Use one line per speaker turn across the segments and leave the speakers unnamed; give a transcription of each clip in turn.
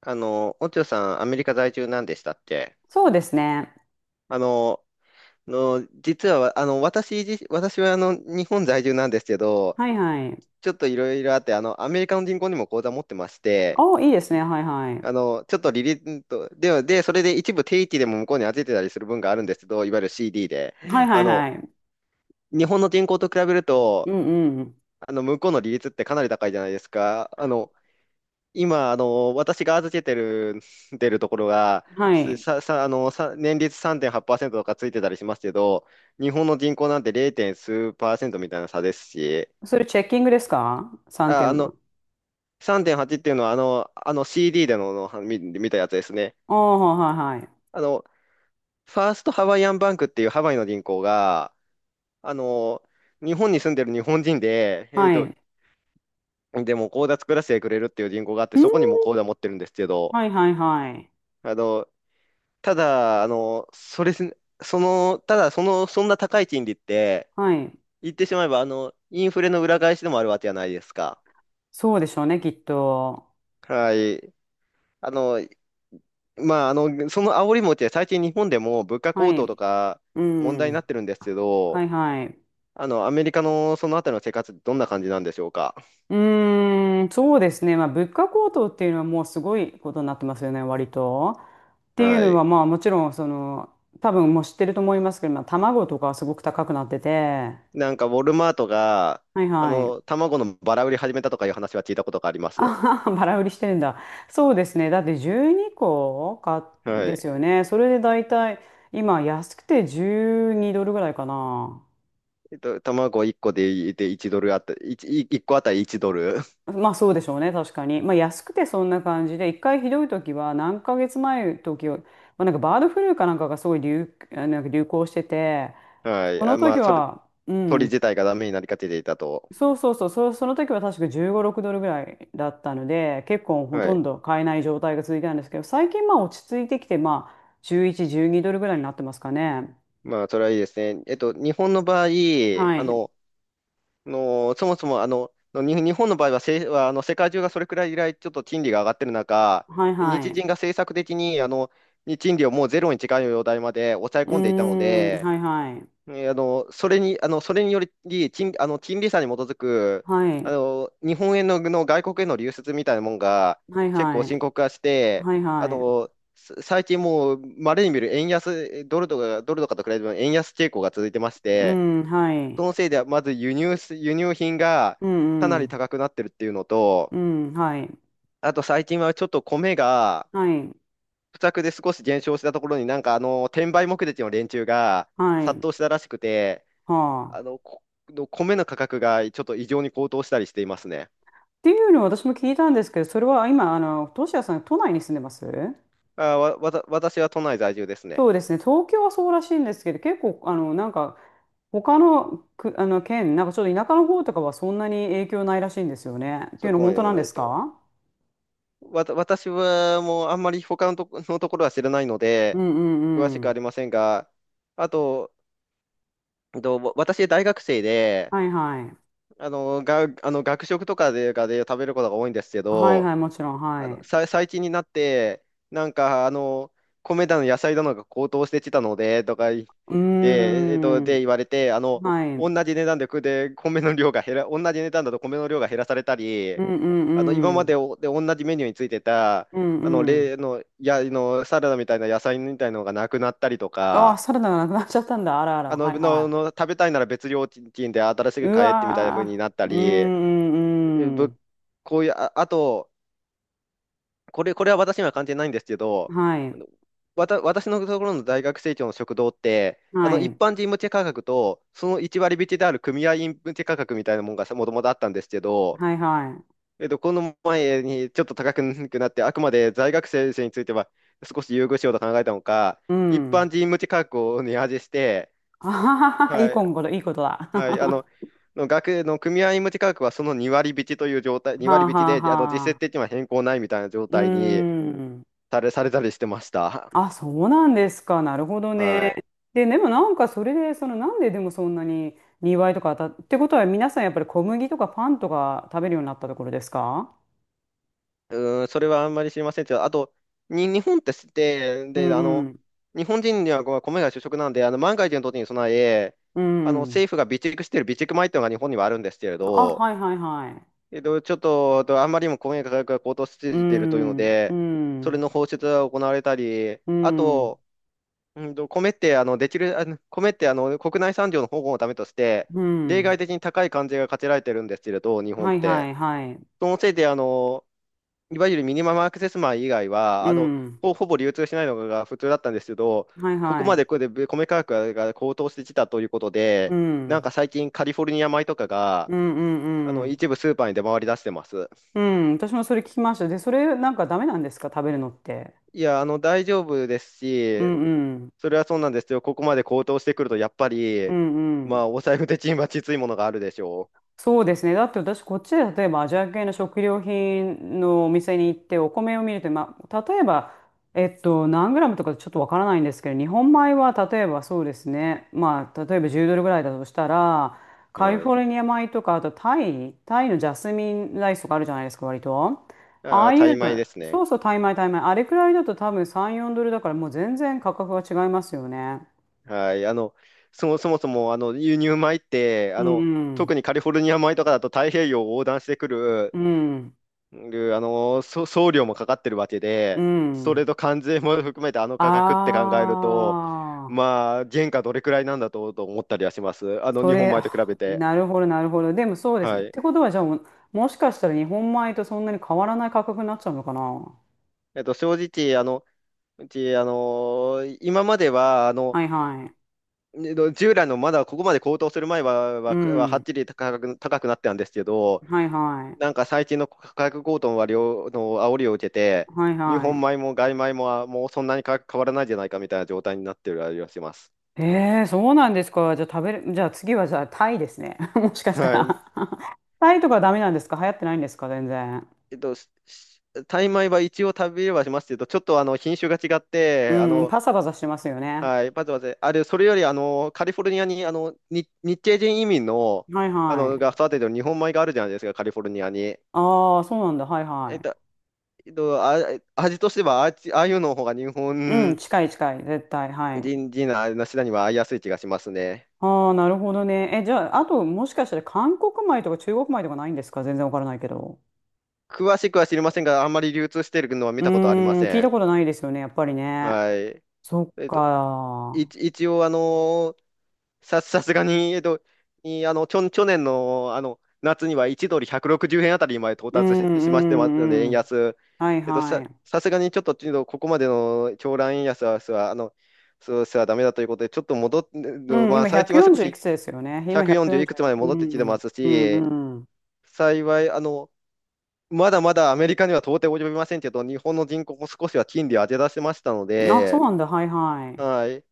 オチョさん、アメリカ在住なんでしたっけ？
そうですね。
あの、実は、私は、日本在住なんですけど、
はいはい。
ちょっといろいろあって、アメリカの銀行にも口座持ってまして、
あ、いいですね。はいはい。
ちょっと利率と、では、で、それで一部定期でも向こうに預けてたりする分があるんですけど、いわゆる CD で。
はいは
あ
いは
の、
い。
日本の銀行と比べる
う
と、
んうん。
向こうの利率ってかなり高いじゃないですか。今、私が預けてる、出るところが、
は
す
い。
さ、さ、あの、さ、年率3.8%とかついてたりしますけど、日本の人口なんて 0. 数パーセントみたいな差ですし、
それチェッキングですか？ 3
あ、あ
点は。
の、3.8っていうのは、あの CD での、のは見、見たやつですね。
ああ、はいはいはい。
あの、ファーストハワイアンバンクっていうハワイの銀行が、あの、日本に住んでる日本人で、
はい。
でも口座作らせてくれるっていう銀行があって、
う
そこにも
ん。
口座持ってるんですけど、
はいはいはい。
あの、ただ、あの、それすね、その、ただ、その、そんな高い賃利って、
はい。
言ってしまえば、インフレの裏返しでもあるわけじゃないですか。
そうでしょうね、きっと。
はい。あの、まあ、その煽り餅は最近日本でも物価
は
高騰と
い。
か
う
問題になっ
ん。
てるんですけ
は
ど、
いはい。
アメリカのそのあたりの生活ってどんな感じなんでしょうか？
うーん、そうですね。まあ、物価高騰っていうのはもうすごいことになってますよね、割と。っていう
は
の
い。
は、まあ、もちろん、その、多分もう知ってると思いますけど、まあ、卵とかはすごく高くなってて、
なんか、ウォルマートが、
はいはい。
卵のバラ売り始めたとかいう話は聞いたことがあります。
ああ、バラ売りしてるんだ。そうですね。だって12個か
は
で
い。
すよね。それで大体、今安くて12ドルぐらいかな。
卵1個で、1ドルあった、1、い一個あたり1ドル。
まあそうでしょうね、確かに。まあ安くてそんな感じで、一回ひどい時は何ヶ月前の時は、まあ、なんかバードフルーかなんかがすごいなんか流行してて、
は
こ
い。
の
ま
時
あ、
は、う
鳥
ん、
自体がダメになりかけていたと。
そうそうそう、その時は確か15、6ドルぐらいだったので、結構ほ
は
と
い。
んど買えない状態が続いたんですけど、最近まあ落ち着いてきて、まあ11、12ドルぐらいになってますかね。
まあ、それはいいですね。日本の場合、
は
あ
い。
の、そもそも、日本の場合は、せ、はあの、世界中がそれくらい以来、ちょっと賃金が上がってる中、
はいは
日
い。
銀が政策的に、賃金をもうゼロに近い状態まで抑え
うー
込んでいたの
ん、
で、
はいはい。
それにより、賃、あの、金利差に基づく、
はい。
日本円の外国への流出みたいなもんが
はい
結構
は
深
い。
刻化して、
はいはい。
最近もう稀に見る円安、ドルとかと比べても円安傾向が続いてまし
う
て、
ん、はい。
そのせいでまず輸入品が
う
か
ん
な
う
り
ん。
高くなってるっていうの
う
と、
ん、はい。
あと最近はちょっと米が
はい。
不作で少し減少したところに転売目的の連中が
は
殺
い。
到したらしくて、
はあ。
この米の価格がちょっと異常に高騰したりしていますね。
っていうのを私も聞いたんですけど、それは今、あの、トシヤさん、都内に住んでます？
あ、わ、わた、私は都内在住ですね。
そうですね。東京はそうらしいんですけど、結構、あの、なんか、他の、く、あの、県、なんかちょっと田舎の方とかはそんなに影響ないらしいんですよね。ってい
そ
うの
こま
本
で
当
も
なん
な
で
い
す
と。
か？
私はもうあんまり他のとこ、のところは知らないの
う
で、
んう
詳し
んう
く
ん。
ありませんが、あと、えっとわ私大学生で、
はいはい。
あの学食とかで食べることが多いんですけ
はいは
ど、
い、もちろん、はい。
最近になって、なんか、あの、米だの野菜だのが高騰してきたので、とかい、
うー
で、えっと、
ん。
で、言われて、
はい。うん
同じ値段だと米の量が減らされたり、
うん
今
う
ま
ん。
でおで同じメニューについてた、
うん
あの、
うん。
例の、や、の、サラダみたいな野菜みたいなのがなくなったりと
ああ、
か、
サラダがなくなっちゃったんだ。あらあら。
あの、
はい
の、
は
の、食べたいなら別料金で新し
い。
く
う
買えってみたいな風
わ
になった
ー。うー
り、
んうんう
ぶ
ん。
こういう、あと、これは私には関係ないんですけど、
は
あ
い。
のわた、私のところの大学生協の食堂って、あ
は
の一
い。
般人向け価格と、その1割引きである組合員向け価格みたいなものがもともとあったんですけど、
はいはい。
この前にちょっと高くなって、あくまで在学生については少し優遇しようと考えたのか、
う
一般
ん。
人向け価格を値上げして、
あははは、いい
はい、
今頃、いいことだ。
はい、あ
は
の、の学の組合員向け価格はその2割引きという状態、2
あ
割引き
はあ
で、あの
は
実質
あ。
的には変更ないみたいな状
う
態
ー
に、
ん。
されたりしてました。
あ、そうなんですか。なるほど
は
ね。
い。
でもなんかそれで、そのなんででもそんなに2いとか当たっってことは皆さんやっぱり小麦とかパンとか食べるようになったところですか？
うーん、それはあんまり知りませんけど、あと、に、日本ってして、
う
で、あ
んう
の、
ん。
日本人にはこう米が主食なんで、万が一の時に備え、
うん。
政府が備蓄している備蓄米っていうのが日本にはあるんですけれ
あ、
ど、
はいはいはい。
えっと、ちょっと、とあんまりにも米価格が高騰しす
う
ぎているというの
ん。う
で、それ
ん。
の放出が行われたり、
う
あ
ん。
と、米って、国内産業の保護のためとして、
う
例外
ん。
的に高い関税が課せられてるんですけれど、日本っ
はいは
て。
いはい。
そのせいで、いわゆるミニマムアクセス米以外は、
うん。
ほぼ流通しないのが普通だったんですけど、
はい
ここ
は
まで
い。
これで米価格が高騰してきたということ
う
で、なん
ん。
か最近カリフォルニア米とかが、
うんうんうん。
一部スーパーに出回り出してます。
うん、私もそれ聞きました。で、それなんかダメなんですか、食べるのって。
いや、大丈夫です
う
し、
んうん。
それはそうなんですけど、ここまで高騰してくると、やっぱ
う
り、
んう
ま
ん。
あ、お財布的にはきついものがあるでしょ
そうですね。だって私、こっちで例えばアジア系の食料品のお店に行ってお米を見ると、まあ、例えば、えっと、何グラムとかちょっとわからないんですけど、日本米は例えばそうですね。まあ、例えば10ドルぐらいだとしたら、
う。
カリ
は
フォ
い。
ルニア米とか、あとタイ、タイのジャスミンライスとかあるじゃないですか、割と。ああい
大
う
米
の、
ですね。
そうそう、タイ米、タイ米。あれくらいだと多分3、4ドルだから、もう全然価格が違いますよね。
はい、そもそも、輸入米って、
うんうん。
特にカリフォルニア米とかだと太平洋を横断してくる、
うん。
送料もかかってるわけ
う
で、それ
ん。
と関税も含めてあの
あ
価格って考えると、
あ、
まあ、原価どれくらいなんだと、思ったりはします。
そ
日本
れ、
米と比
あ
べて。
なるほど、なるほど。でもそうです。っ
はい。
てことは、じゃあもう、もしかしたら日本米とそんなに変わらない価格になっちゃうのかな？
正直、あの、うち、あの、今までは、
はいは
従来のまだここまで高騰する前は、
い。う
はっ
ん。
きり高くなってたんですけど、
はいは
な
い。
んか最近の価格高騰は両の煽りを受けて、
はい
日本
は
米も外米ももうそんなに変わらないじゃないかみたいな状態になってるありはします。
い。えー、そうなんですか。じゃあ食べる、じゃあ次はじゃあタイですね。もしかした
はい。
ら タイとかダメなんですか？流行ってないんですか全然。
えっと、ししタイ米は一応食べれはしますけど、ちょっとあの品種が違って、
うん、パサパサしてますよね。
はい、まずまず、あれ、それよりあのカリフォルニアに日系人移民の、
はい
あ
は
のが
い。
育ててる日本米があるじゃないですか、カリフォルニアに。
ああ、そうなんだ。はい
えっ
は
と、えっと、あ、味としてはあっち、ああいうの方が日
い。うん、
本
近い近い。絶対。はい。
人、人な、なしなには合いやすい気がしますね。
ああ、なるほどね。え、じゃあ、あと、もしかしたら韓国米とか中国米とかないんですか？全然わからないけど。
詳しくは知りませんが、あんまり流通しているのは
う
見
ー
たことありま
ん、聞い
せ
た
ん。
ことないですよね、やっぱりね。
はい。
そっ
えっと、
か。
一応、さすがに、えっと、いあの、去、去年の、夏には1ドル160円あたりまで到
う
達
んう
し、しましてますので、円
んうん。
安。
はい
えっと、
は
さ、
い。
さすがにちょっと、ここまでの狂乱円安は、すはあの、そうすはダメだということで、ちょっと戻っ、
うん、
まあ、
今
最近は少
140いく
し
つですよね。今
140いくつま
145。
で
う
戻ってきてま
ん、
す
う
し、
んう
幸い、まだまだアメリカには到底及びませんけど、日本の人口も少しは金利を上げ出せましたの
ん。あ、そう
で、
なんだ。はいはい。
はい。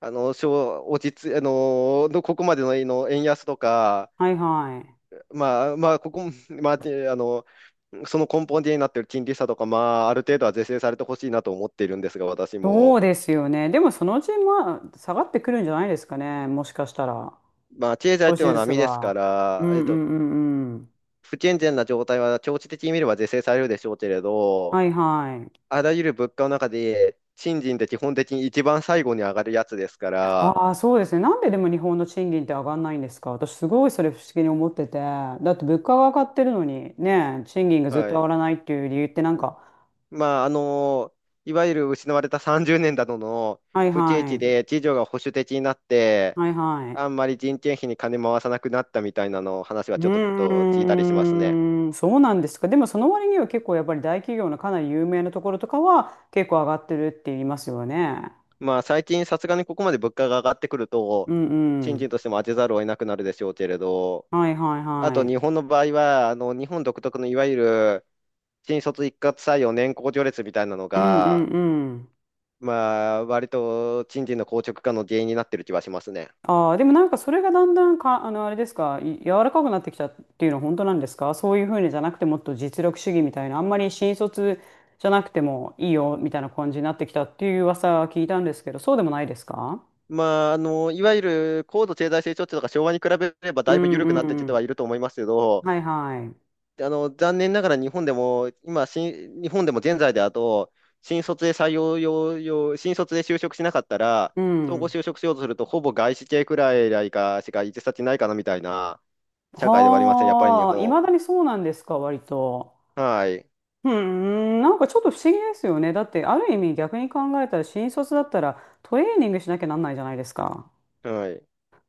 あの、し落ち着、あの、こまでの、円安とか、
はいはい。
まあ、まあ、ここ、まあ、てあの、その根本的になっている金利差とか、ある程度は是正されてほしいなと思っているんですが、私
そう
も。
ですよね。でも、そのうち、まあ、下がってくるんじゃないですかね。もしかしたら。
まあ、経済
少
っ
し
ていうの
ず
は
つ
波ですか
は。う
ら、
んうんうんうん。
不健全な状態は長期的に見れば是正されるでしょうけれど、
はいはい。
あらゆる物価の中で、賃金って基本的に一番最後に上がるやつですから、
ああ、そうですね。なんででも日本の賃金って上がんないんですか？私すごいそれ不思議に思ってて。だって物価が上がってるのに、ねえ、賃金がずっと
は
上が
い。
らないっていう理由ってなんか、
まあ、いわゆる失われた30年などの
はい
不景
は
気
い、
で、次女が保守的になって、
はいはい。
あんまり人件費に金回さなくなったみたいなの話は
う
ちょっと聞いたりしますね。
ーん、そうなんですか。でもその割には結構やっぱり大企業のかなり有名なところとかは結構上がってるって言いますよね。
まあ、最近さすがにここまで物価が上がってくると、
うんう
賃金
ん。
としても当てざるを得なくなるでしょうけれど、
はいはい
あ
は
と日
い。
本の場合は、日本独特のいわゆる新卒一括採用年功序列みたいなの
うんうん
が、
うん。
まあ、割と賃金の硬直化の原因になってる気はしますね。
ああ、でもなんかそれがだんだんか、あの、あれですか、柔らかくなってきたっていうのは本当なんですか？そういうふうにじゃなくてもっと実力主義みたいな、あんまり新卒じゃなくてもいいよみたいな感じになってきたっていう噂は聞いたんですけど、そうでもないですか？
まあ、いわゆる高度経済成長期とか昭和に比べれば
う
だいぶ
ん
緩
う
くなって
ん
き
う
ては
ん。
いると思いますけど、
はいはい。
で残念ながら日本でも、現在で新卒で採用用、用新卒で就職しなかったら、
う
総合
ん。
就職しようとすると、ほぼ外資系くらいかしか行き先ないかなみたいな社会ではありません、やっぱり日
はあ、い
本。
まだにそうなんですか、割と。
はい、
うん、なんかちょっと不思議ですよね。だって、ある意味逆に考えたら、新卒だったらトレーニングしなきゃなんないじゃないですか。
はい、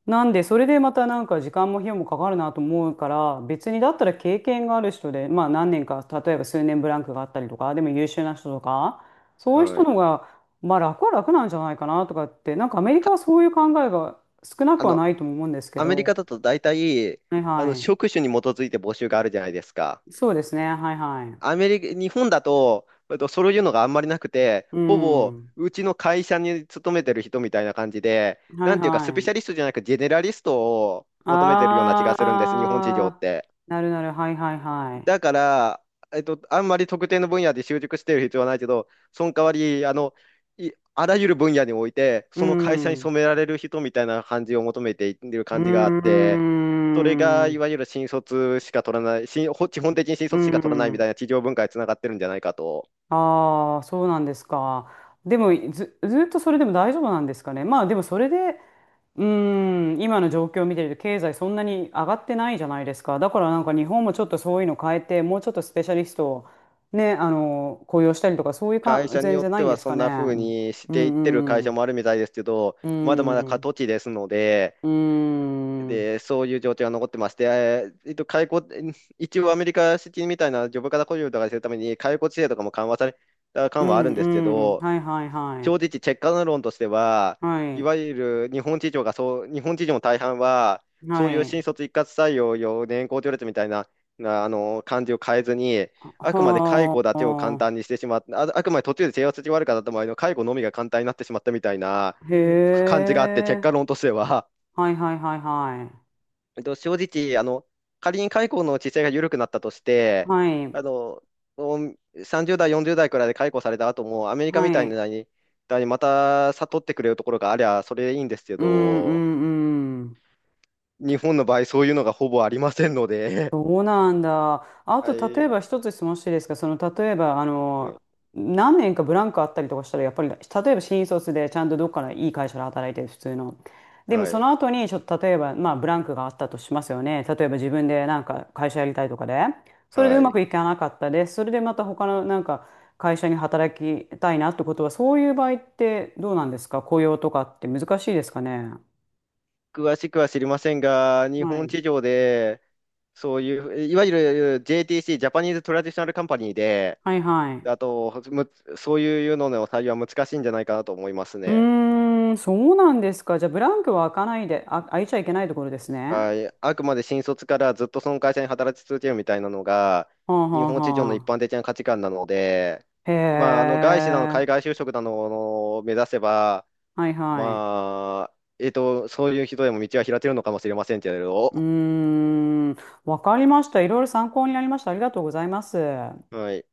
なんで、それでまたなんか時間も費用もかかるなと思うから、別にだったら経験がある人で、まあ何年か、例えば数年ブランクがあったりとか、でも優秀な人とか、そういう
は
人
い。
の方が、まあ楽は楽なんじゃないかなとかって、なんかアメリカ
た
はそういう考えが少な
あ
くは
の、
ないとも思うんですけ
アメリ
ど、
カだと大体、
はいは
職種に基づいて募集があるじゃないですか。
い。そうですね、はいはい。
アメリカ、日本だと、そういうのがあんまりなくて、
う
ほぼ
ん。
うちの会社に勤めてる人みたいな感じで、
は
な
い
んていうか、
は
スペシ
い。
ャリストじゃなく、ジェネラリストを求めてるような気がするんです、日本市場っ
あ
て。
ー、なるなる、はいはいは
だ
い。
から、あんまり特定の分野で習熟してる必要はないけど、その代わり、あらゆる分野において、
う
その会社
ん。
に
う
染められる人みたいな感じを求めている
ー
感じがあって、それがい
ん。
わゆる新卒しか取らない、新、ほ基本的に新
う
卒しか取らないみ
ん。
たいな企業文化につながってるんじゃないかと。
ああ、そうなんですか。でも、ずっとそれでも大丈夫なんですかね。まあ、でもそれで、うーん、今の状況を見てると、経済そんなに上がってないじゃないですか。だからなんか日本もちょっとそういうの変えて、もうちょっとスペシャリストをね、あの、雇用したりとか、そういう
会
か、
社に
全
よっ
然な
て
いん
は
です
そ
か
ん
ね。
な風にし
う
ていってる会
ん、う
社
ん、
もあるみたいですけど、
う
まだまだ過
ん、
渡期ですので、
うん、
で、そういう状況が残ってまして、ーえっと、解雇、一応アメリカ式みたいなジョブ型雇用とかするために、解雇規制とかも緩和された
う
感はあ
ん、
るんですけ
うん、
ど、
はいはいは
正
い。
直、結果論としては、
は
い
い、
わゆる日本企業がそう、日本企業の大半は、そ
は
ういう
い。
新卒一括採用、年功序列みたいな、感じを変えずに、あくまで解雇だ
は
けを簡単にしてしまった、あ、あくまで途中で制圧が悪かった場合の解雇のみが簡単になってしまったみたいな
あ、へ
感じがあって、結果
え、
論としては。
はいはいはいはい。
正直、仮に解雇の地勢が緩くなったとして、
はい、
あの、もうさん30代、40代くらいで解雇された後も、アメリカみ
は
たい
い。
なに、また悟ってくれるところがありゃ、それでいいんですけ
うん、う
ど、
ん、うん。
日本の場合、そういうのがほぼありませんので、
そうなんだ。あ
は
と、例えば
い、
一つ質問していいですか？その、例えば、あの、何年かブランクあったりとかしたら、やっぱり、例えば新卒でちゃんとどっかのいい会社で働いてる、普通の。でも、
は
そ
い、
の後に、ちょっと例えば、まあ、ブランクがあったとしますよね。例えば自分でなんか会社やりたいとかで。それでう
は
ま
い。
くいかなかったです。それでまた他のなんか会社に働きたいなってことは、そういう場合ってどうなんですか？雇用とかって難しいですかね。
詳しくは知りませんが、日
は
本
い
地上で、そういう、いわゆる JTC、ジャパニーズ・トラディショナル・カンパニーで、
はいはい。
あと、むそういうのの採用は難しいんじゃないかなと思います
う
ね。
ーん、そうなんですか。じゃあ、ブランクは開かないで、あ、開いちゃいけないところですね。
はい、あくまで新卒からずっとその会社に働き続けるみたいなのが、
はあは
日
あ
本市場の一
は
般的な価値観なので、
あ。へ
まあ、外資だの海
え。
外就職だのを目指せば、
はいはい。
まあ、そういう人でも道は開けるのかもしれませんけれど、
うーん、わかりました。いろいろ参考になりました。ありがとうございます。
はい